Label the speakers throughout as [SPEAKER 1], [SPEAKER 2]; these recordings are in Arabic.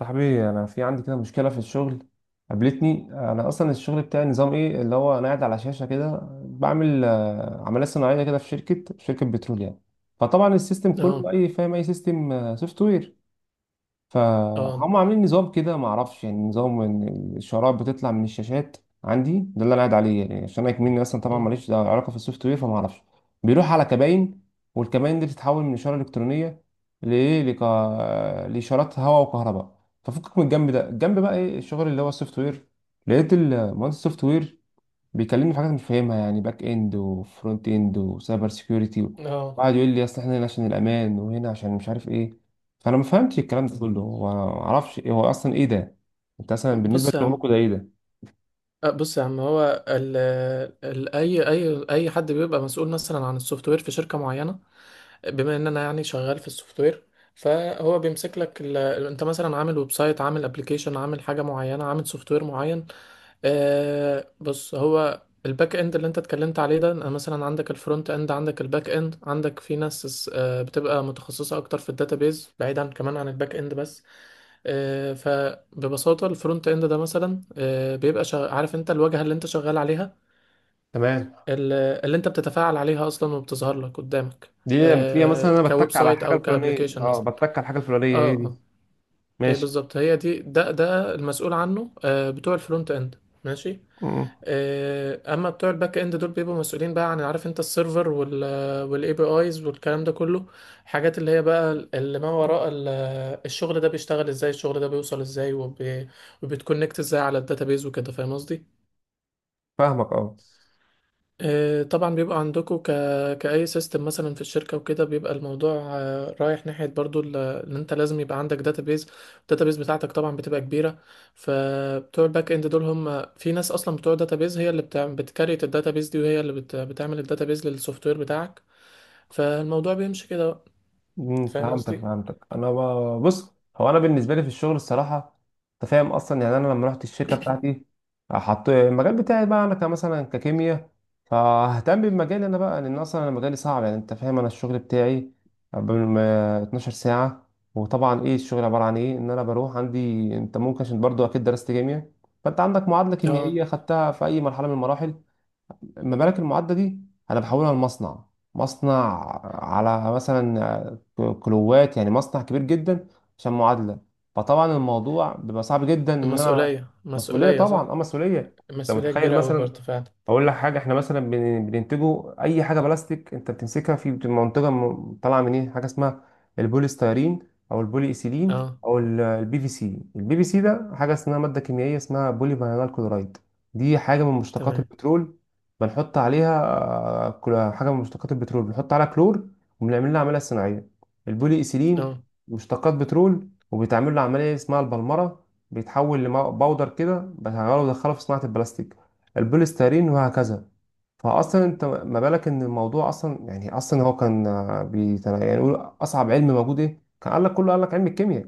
[SPEAKER 1] صاحبي انا في عندي كده مشكله في الشغل. قابلتني انا اصلا الشغل بتاعي نظام ايه اللي هو انا قاعد على شاشه كده بعمل عمليه صناعيه كده في شركه بترول يعني. فطبعا السيستم
[SPEAKER 2] اه
[SPEAKER 1] كله اي فاهم اي سيستم سوفت وير.
[SPEAKER 2] اه
[SPEAKER 1] فهم عاملين نظام كده ما اعرفش يعني نظام ان الشرائح بتطلع من الشاشات. عندي ده اللي انا قاعد عليه يعني عشان انا كمني اصلا طبعا
[SPEAKER 2] مم.
[SPEAKER 1] ماليش علاقه في السوفت وير فما اعرفش. بيروح على كباين والكباين دي بتتحول من اشاره الكترونيه لايه لك... لاشارات هواء وكهرباء. ففكك من الجنب ده الجنب بقى ايه الشغل اللي هو السوفت وير. لقيت المهندس السوفت وير بيكلمني في حاجات مش فاهمها يعني باك اند وفرونت اند وسايبر سيكيورتي.
[SPEAKER 2] اه
[SPEAKER 1] وقعد يقول لي اصل احنا هنا عشان الامان وهنا عشان مش عارف ايه. فانا ما فهمتش الكلام ده كله وانا ما اعرفش ايه هو اصلا ايه ده. انت اصلا بالنسبه
[SPEAKER 2] بص يا عم.
[SPEAKER 1] لشغلكم ده ايه ده؟
[SPEAKER 2] بص يا عم هو ال ال اي اي اي حد بيبقى مسؤول مثلا عن السوفت وير في شركه معينه. بما ان انا يعني شغال في السوفت وير، فهو بيمسك لك انت مثلا عامل ويب سايت، عامل ابلكيشن، عامل حاجه معينه، عامل سوفت وير معين. آه، بص هو الباك اند اللي انت اتكلمت عليه ده، أنا مثلا عندك الفرونت اند، عندك الباك اند، عندك في ناس آه بتبقى متخصصة اكتر في الداتابيز بعيدا كمان عن الباك اند بس. آه، فببساطة الفرونت اند ده مثلا بيبقى عارف انت، الواجهة اللي انت شغال عليها،
[SPEAKER 1] تمام.
[SPEAKER 2] ال- اللي انت بتتفاعل عليها اصلا وبتظهر لك قدامك.
[SPEAKER 1] دي بتلاقيها مثلا
[SPEAKER 2] آه،
[SPEAKER 1] انا
[SPEAKER 2] كويب
[SPEAKER 1] بتك على
[SPEAKER 2] سايت
[SPEAKER 1] الحاجه
[SPEAKER 2] او
[SPEAKER 1] الفلانيه
[SPEAKER 2] كابليكيشن
[SPEAKER 1] اه
[SPEAKER 2] مثلا.
[SPEAKER 1] بتك على الحاجه الفلانيه
[SPEAKER 2] اه
[SPEAKER 1] هي
[SPEAKER 2] اه
[SPEAKER 1] دي.
[SPEAKER 2] ايه
[SPEAKER 1] ماشي.
[SPEAKER 2] بالظبط، هي دي، ده المسؤول عنه، آه، بتوع الفرونت اند. ماشي.
[SPEAKER 1] مم.
[SPEAKER 2] آه، اما بتوع الباك اند دول بيبقوا مسؤولين بقى عن، عارف انت، السيرفر والاي بي ايز والكلام ده كله. حاجات اللي هي بقى اللي ما وراء الشغل ده بيشتغل ازاي، الشغل ده بيوصل ازاي، وبيتكونكت ازاي على الداتابيز وكده، فاهم قصدي؟
[SPEAKER 1] فاهمك اه.
[SPEAKER 2] آه، طبعا بيبقى عندكم كأي سيستم مثلا في الشركة وكده، بيبقى الموضوع آه رايح ناحية برضو ان انت لازم يبقى عندك داتابيز. الداتابيز بتاعتك طبعا بتبقى كبيرة. فبتوع الباك اند دول، هم في ناس اصلا بتوع داتابيز هي بتكريت الداتابيز دي، وهي اللي بتعمل الداتابيز للسوفت وير بتاعك. فالموضوع بيمشي كده بقى. فاهم
[SPEAKER 1] فهمتك
[SPEAKER 2] قصدي؟
[SPEAKER 1] فهمتك انا بص، هو انا بالنسبه لي في الشغل الصراحه. انت فاهم اصلا يعني انا لما رحت الشركه بتاعتي حط المجال بتاعي بقى انا كمثلا ككيمياء. فاهتم بمجالي انا بقى لان اصلا انا مجالي صعب، يعني انت فاهم انا الشغل بتاعي بال- 12 ساعه. وطبعا ايه الشغل عباره عن ايه ان انا بروح عندي. انت ممكن عشان برضو اكيد درست كيمياء فانت عندك معادله
[SPEAKER 2] اه.
[SPEAKER 1] كيميائيه خدتها في اي مرحله من المراحل. المبالغ المعدة دي أنا بحولها لمصنع. مصنع على مثلا كيلوات، يعني مصنع كبير جدا عشان معادلة. فطبعا الموضوع بيبقى صعب جدا إن أنا.
[SPEAKER 2] المسؤولية
[SPEAKER 1] مسؤولية
[SPEAKER 2] مسؤولية
[SPEAKER 1] طبعا،
[SPEAKER 2] صح؟
[SPEAKER 1] أه مسؤولية. أنت
[SPEAKER 2] مسؤولية
[SPEAKER 1] متخيل
[SPEAKER 2] كبيرة أوي
[SPEAKER 1] مثلا.
[SPEAKER 2] برضه فعلا.
[SPEAKER 1] اقول لك حاجه، احنا مثلا بننتجه اي حاجه بلاستيك انت بتمسكها في بتبقى منتجه طالعه من ايه، حاجه اسمها البوليستيرين. او البولي ايثيلين
[SPEAKER 2] اه،
[SPEAKER 1] او البي في سي. البي في سي ده حاجه اسمها ماده كيميائيه اسمها بولي فينال كلورايد. دي حاجه من مشتقات
[SPEAKER 2] تمام،
[SPEAKER 1] البترول بنحط عليها. حاجه من مشتقات البترول بنحط عليها كلور وبنعمل لها عمليه صناعيه. البولي ايثيلين
[SPEAKER 2] اه،
[SPEAKER 1] مشتقات بترول وبيتعمل له عمليه اسمها البلمره. بيتحول لباودر كده بنغيره ودخله في صناعه البلاستيك، البوليسترين، وهكذا. فاصلا انت ما بالك ان الموضوع اصلا يعني اصلا هو كان يعني يقول اصعب علم موجود ايه كان قال لك، كله قال لك علم الكيمياء.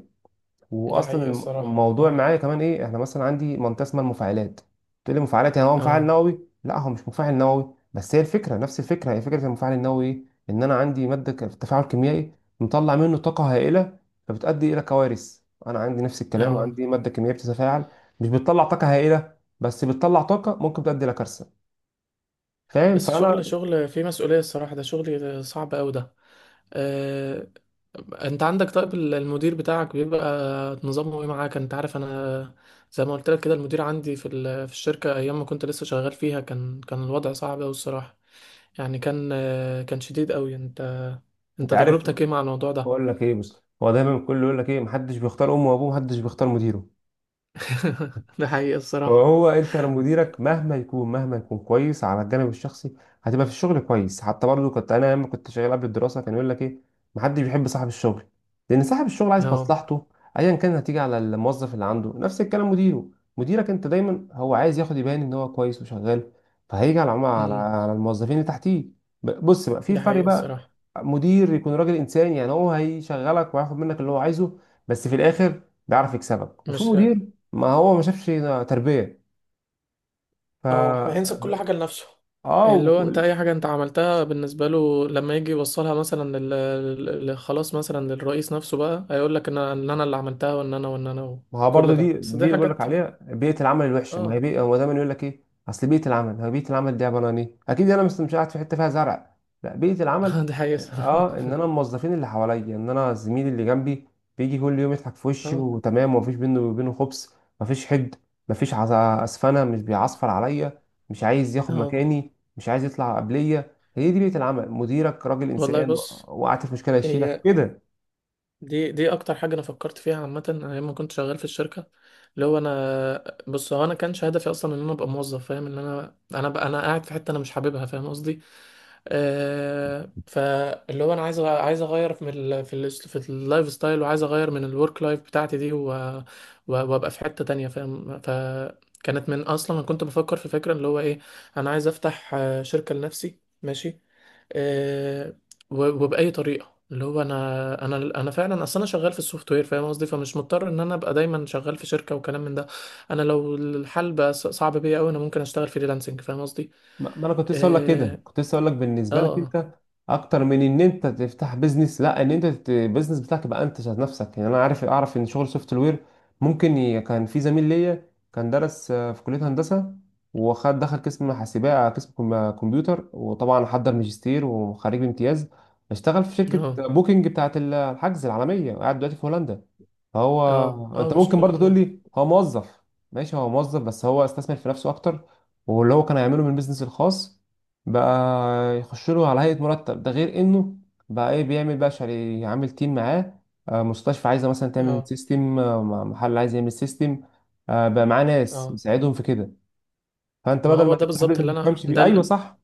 [SPEAKER 2] ده
[SPEAKER 1] واصلا
[SPEAKER 2] حقيقي الصراحة.
[SPEAKER 1] الموضوع
[SPEAKER 2] اه
[SPEAKER 1] معايا كمان ايه، احنا مثلا عندي منطقه اسمها المفاعلات. تقول لي مفاعلات يعني هو مفاعل
[SPEAKER 2] اه
[SPEAKER 1] نووي؟ لا، هو مش مفاعل نووي، بس هي الفكره نفس الفكره، هي فكره المفاعل النووي ايه. ان انا عندي ماده تفاعل كيميائي مطلع منه طاقه هائله فبتؤدي الى كوارث. انا عندي نفس الكلام،
[SPEAKER 2] اه
[SPEAKER 1] عندي ماده كيميائيه بتتفاعل، مش بتطلع طاقه هائله بس بتطلع طاقه ممكن تؤدي الى كارثه. فاهم
[SPEAKER 2] بس
[SPEAKER 1] فانا.
[SPEAKER 2] شغل، شغل فيه مسؤولية الصراحة، ده شغل صعب أوي ده. آه، انت عندك طيب المدير بتاعك بيبقى نظامه ايه معاك؟ انت عارف انا، زي ما قلت لك كده، المدير عندي في في الشركة ايام ما كنت لسه شغال فيها، كان الوضع صعب أوي الصراحة. يعني كان آه، كان شديد أوي. انت،
[SPEAKER 1] انت
[SPEAKER 2] انت
[SPEAKER 1] عارف.
[SPEAKER 2] تجربتك ايه مع الموضوع ده؟
[SPEAKER 1] اقول لك ايه، بس هو دايما الكل يقول لك ايه، محدش بيختار امه وابوه، محدش بيختار مديره.
[SPEAKER 2] ده حقيقي الصراحة.
[SPEAKER 1] فهو انت لو مديرك مهما يكون مهما يكون كويس على الجانب الشخصي هتبقى في الشغل كويس. حتى برضو كنت انا لما كنت شغال قبل الدراسه كان يقول لك ايه، محدش بيحب صاحب الشغل لان صاحب الشغل عايز
[SPEAKER 2] no.
[SPEAKER 1] مصلحته. ايا كان هتيجي على الموظف اللي عنده نفس الكلام مديره. مديرك انت دايما هو عايز ياخد، يبان ان هو كويس وشغال. فهيجي على العم- على
[SPEAKER 2] امم،
[SPEAKER 1] على الموظفين اللي تحتيه. بص بقى في
[SPEAKER 2] ده
[SPEAKER 1] فرق
[SPEAKER 2] حقيقي
[SPEAKER 1] بقى.
[SPEAKER 2] الصراحة.
[SPEAKER 1] مدير يكون راجل انسان، يعني هو هيشغلك وهياخد منك اللي هو عايزه بس في الاخر بيعرف يكسبك. وفي
[SPEAKER 2] مش،
[SPEAKER 1] مدير ما هو ما شافش تربية. ف
[SPEAKER 2] اه، هينسب كل حاجة لنفسه.
[SPEAKER 1] اه
[SPEAKER 2] اللي هو انت
[SPEAKER 1] وك-
[SPEAKER 2] اي حاجة انت عملتها بالنسبة له، لما يجي يوصلها مثلا خلاص، مثلا للرئيس نفسه بقى، هيقول لك ان انا إن أنا اللي عملتها، وان انا
[SPEAKER 1] ما هو
[SPEAKER 2] وكل
[SPEAKER 1] برضه دي
[SPEAKER 2] ده.
[SPEAKER 1] دي
[SPEAKER 2] بس دي
[SPEAKER 1] اللي بقول لك
[SPEAKER 2] حاجات.
[SPEAKER 1] عليها، بيئة العمل الوحشة. ما هي
[SPEAKER 2] اه.
[SPEAKER 1] بيئة، هو دايما يقول لك ايه اصل بيئة العمل، هو بيئة العمل دي عبارة عن ايه؟ اكيد انا مش مش قاعد في حتة فيها زرع. لا، بيئة العمل
[SPEAKER 2] دي حقيقة.
[SPEAKER 1] اه ان انا الموظفين اللي حواليا، ان انا الزميل اللي جنبي بيجي كل يوم يضحك في وشي
[SPEAKER 2] اه
[SPEAKER 1] وتمام ومفيش بينه وبينه خبص. مفيش حقد. مفيش عز- اسفنة، مش بيعصفر عليا، مش عايز ياخد
[SPEAKER 2] اه
[SPEAKER 1] مكاني، مش عايز يطلع قبليا. هي دي بيئة العمل، مديرك راجل
[SPEAKER 2] والله
[SPEAKER 1] انسان.
[SPEAKER 2] بص،
[SPEAKER 1] وقعت في مشكلة يشيلك
[SPEAKER 2] هي
[SPEAKER 1] كده.
[SPEAKER 2] دي، اكتر حاجه انا فكرت فيها عامه انا لما كنت شغال في الشركه. اللي هو انا، بص، هو انا كانش هدفي اصلا ان انا ابقى موظف، فاهم؟ ان انا، انا بقى انا قاعد في حته انا مش حاببها، فاهم قصدي؟ آه، فاللي هو انا عايز عايز اغير من في اللايف ستايل، وعايز اغير من الورك لايف بتاعتي دي، وابقى في حته تانية، فاهم؟ فكانت من اصلا انا كنت بفكر في فكره اللي هو ايه، انا عايز افتح آه شركه لنفسي. ماشي. آه، وبأي طريقة. اللي هو انا، انا فعلا اصل انا شغال في السوفت وير، فاهم قصدي؟ فمش مضطر ان انا ابقى دايما شغال في شركه وكلام من ده. انا لو الحال بقى صعب بيا قوي، انا ممكن اشتغل فريلانسنج، فاهم قصدي؟
[SPEAKER 1] ما انا كنت لسه اقول لك كده،
[SPEAKER 2] اه
[SPEAKER 1] كنت لسه اقول لك بالنسبه لك
[SPEAKER 2] اه
[SPEAKER 1] انت اكتر من ان انت تفتح بيزنس. لا، ان انت البيزنس بتاعك يبقى انت ذات نفسك. يعني انا عارف اعرف ان شغل سوفت وير كان في زميل ليا كان درس في كليه هندسه وخد دخل قسم حاسبات، قسم كمبيوتر، وطبعا حضر ماجستير وخريج بامتياز. اشتغل في
[SPEAKER 2] اه
[SPEAKER 1] شركه بوكينج بتاعه الحجز العالميه وقاعد دلوقتي في هولندا. فهو
[SPEAKER 2] اه،
[SPEAKER 1] انت
[SPEAKER 2] ما شاء
[SPEAKER 1] ممكن برضه تقول
[SPEAKER 2] الله.
[SPEAKER 1] لي هو موظف. ماشي، هو موظف بس هو استثمر في نفسه اكتر. واللي هو كان هيعمله من البيزنس الخاص بقى يخش له على هيئة مرتب. ده غير انه بقى ايه بيعمل، بقى شاري عامل تيم معاه. مستشفى عايزة مثلا تعمل
[SPEAKER 2] اه
[SPEAKER 1] سيستم، محل عايز يعمل سيستم، بقى معاه ناس
[SPEAKER 2] اه
[SPEAKER 1] يساعدهم في كده. فانت
[SPEAKER 2] ما
[SPEAKER 1] بدل
[SPEAKER 2] هو
[SPEAKER 1] ما
[SPEAKER 2] ده
[SPEAKER 1] تفتح
[SPEAKER 2] بالظبط
[SPEAKER 1] بيزنس
[SPEAKER 2] اللي
[SPEAKER 1] ما
[SPEAKER 2] انا،
[SPEAKER 1] تفهمش فيه، ايوه
[SPEAKER 2] ده
[SPEAKER 1] صح.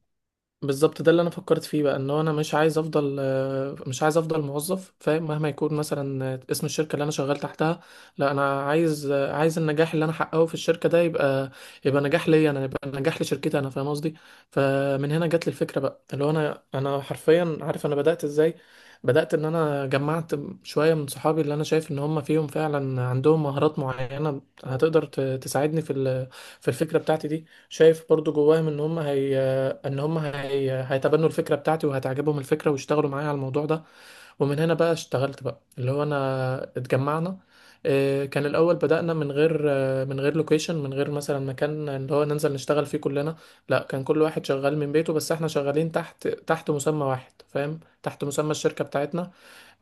[SPEAKER 2] بالظبط ده اللي انا فكرت فيه بقى، ان هو انا مش عايز افضل آه، مش عايز افضل موظف، فاهم؟ مهما يكون مثلا آه اسم الشركه اللي انا شغال تحتها. لا، انا عايز آه عايز النجاح اللي انا حققه في الشركه ده يبقى، يبقى نجاح ليا انا، يبقى نجاح لشركتي انا، فاهم قصدي؟ فمن هنا جت لي الفكره بقى، اللي هو انا حرفيا، عارف انا بدات ازاي؟ بدات ان انا جمعت شويه من صحابي اللي انا شايف ان هم فيهم فعلا، عندهم مهارات معينه هتقدر تساعدني في في الفكره بتاعتي دي، شايف برضو جواهم ان هيتبنوا الفكره بتاعتي وهتعجبهم الفكره ويشتغلوا معايا على الموضوع ده. ومن هنا بقى اشتغلت بقى، اللي هو انا اتجمعنا. آه، كان الاول بدأنا من غير آه، من غير لوكيشن، من غير مثلا مكان اللي هو ننزل نشتغل فيه كلنا. لا، كان كل واحد شغال من بيته، بس احنا شغالين تحت، تحت مسمى واحد، فاهم؟ تحت مسمى الشركه بتاعتنا.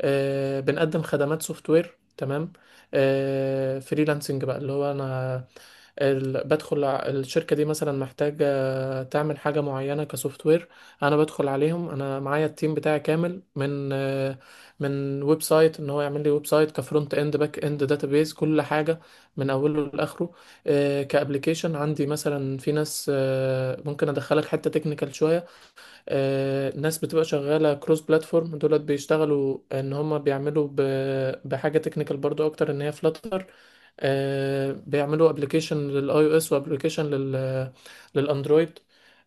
[SPEAKER 2] آه، بنقدم خدمات سوفت وير. تمام. آه، فريلانسنج بقى. اللي هو انا بدخل الشركة دي مثلا محتاجة تعمل حاجة معينة كسوفت وير، أنا بدخل عليهم، أنا معايا التيم بتاعي كامل من آه، من ويب سايت، إن هو يعمل لي ويب سايت كفرونت إند، باك إند، داتابيز، كل حاجة من أوله لآخره. آه، كأبليكيشن، عندي مثلا في ناس، آه، ممكن أدخلك حتة تكنيكال شوية، آه، ناس بتبقى شغالة كروس بلاتفورم، دولت بيشتغلوا ان هما بيعملوا بحاجة تكنيكال برضو اكتر، ان هي فلاتر، بيعملوا ابلكيشن للاي او اس وابلكيشن للاندرويد.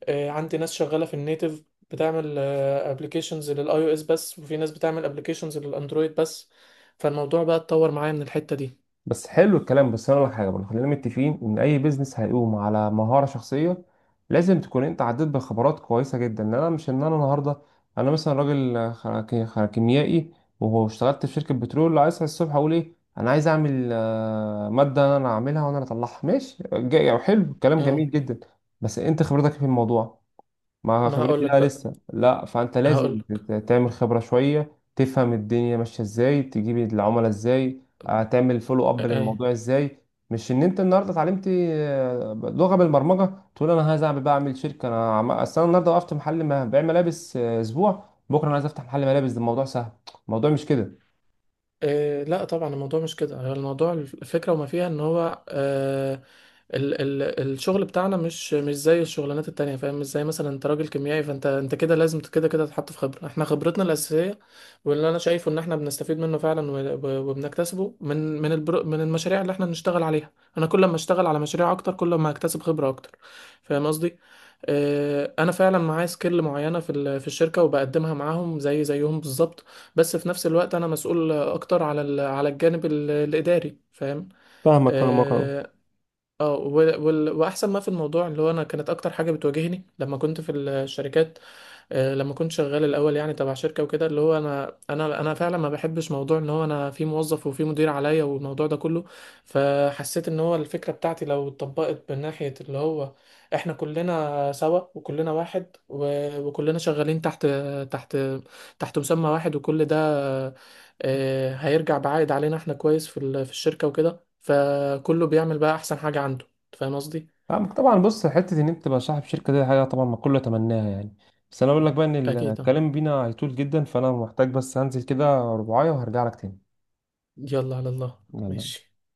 [SPEAKER 2] آه، عندي ناس شغالة في النيتف بتعمل ابلكيشنز للاي او اس بس، وفي ناس بتعمل ابلكيشنز للاندرويد بس. فالموضوع بقى اتطور معايا من الحتة دي.
[SPEAKER 1] بس حلو الكلام، بس انا اقول لك حاجه برضه، خلينا متفقين ان اي بيزنس هيقوم على مهاره شخصيه. لازم تكون انت عديت بخبرات كويسه جدا، ان انا مش ان انا النهارده. انا مثلا راجل كيميائي واشتغلت في شركه بترول، لو عايز أصحى الصبح اقول ايه انا عايز اعمل ماده انا اعملها وانا اللي اطلعها. ماشي جاي، حلو، كلام
[SPEAKER 2] اه.
[SPEAKER 1] جميل جدا، بس انت خبرتك إيه في الموضوع؟ ما
[SPEAKER 2] ما
[SPEAKER 1] خبرتي
[SPEAKER 2] هقولك
[SPEAKER 1] لا،
[SPEAKER 2] بقى،
[SPEAKER 1] لسه لا. فانت لازم
[SPEAKER 2] هقولك.
[SPEAKER 1] تعمل خبرة شوية، تفهم الدنيا ماشية ازاي، تجيب العملاء ازاي، تعمل فولو اب
[SPEAKER 2] آه، آه.
[SPEAKER 1] للموضوع ازاي. مش ان انت النهارده اتعلمت لغة بالبرمجة تقول انا عايز اعمل بقى، اعمل شركة انا اصل انا النهارده وقفت محل ما بيع ملابس، اسبوع بكرة انا عايز افتح محل ملابس، ده الموضوع سهل. الموضوع مش كده.
[SPEAKER 2] إيه لا طبعا الموضوع مش كده. هو الموضوع الفكرة وما فيها، ان هو آه ال الشغل بتاعنا مش، مش زي الشغلانات التانية، فاهم؟ مش زي مثلا انت راجل كيميائي فانت انت كده لازم كده كده تتحط في خبرة. احنا خبرتنا الأساسية، واللي انا شايفه ان احنا بنستفيد منه فعلا وبنكتسبه من من البرو من المشاريع اللي احنا بنشتغل عليها. انا كل ما اشتغل على مشاريع اكتر، كل ما هكتسب خبرة اكتر، فاهم قصدي؟ آه، انا فعلا معايا سكيل معينه في في الشركه، وبقدمها معاهم زي زيهم بالظبط، بس في نفس الوقت انا مسؤول اكتر على على الجانب الاداري، فاهم؟
[SPEAKER 1] فاهمك فاهمك أوي.
[SPEAKER 2] اه. آه، واحسن ما في الموضوع اللي هو انا، كانت اكتر حاجه بتواجهني لما كنت في الشركات آه، لما كنت شغال الاول، يعني تبع شركه وكده، اللي هو انا، انا فعلا ما بحبش موضوع ان هو انا في موظف وفي مدير عليا والموضوع ده كله. فحسيت ان هو الفكره بتاعتي لو اتطبقت من ناحيه اللي هو احنا كلنا سوا وكلنا واحد، وكلنا شغالين تحت، تحت تحت مسمى واحد، وكل ده آه هيرجع بعائد علينا احنا كويس في في الشركه وكده، فكله بيعمل بقى احسن حاجه عنده، أنت فاهم قصدي؟
[SPEAKER 1] فاهمك طبعا، بص حته ان انت تبقى صاحب شركه دي حاجه طبعا ما كله يتمناها يعني. بس انا اقول لك بقى ان
[SPEAKER 2] اكيد طبعا.
[SPEAKER 1] الكلام بينا هيطول جدا، فانا محتاج بس هنزل كده رباعية وهرجع لك تاني.
[SPEAKER 2] يلا على الله.
[SPEAKER 1] يلا.
[SPEAKER 2] ماشي.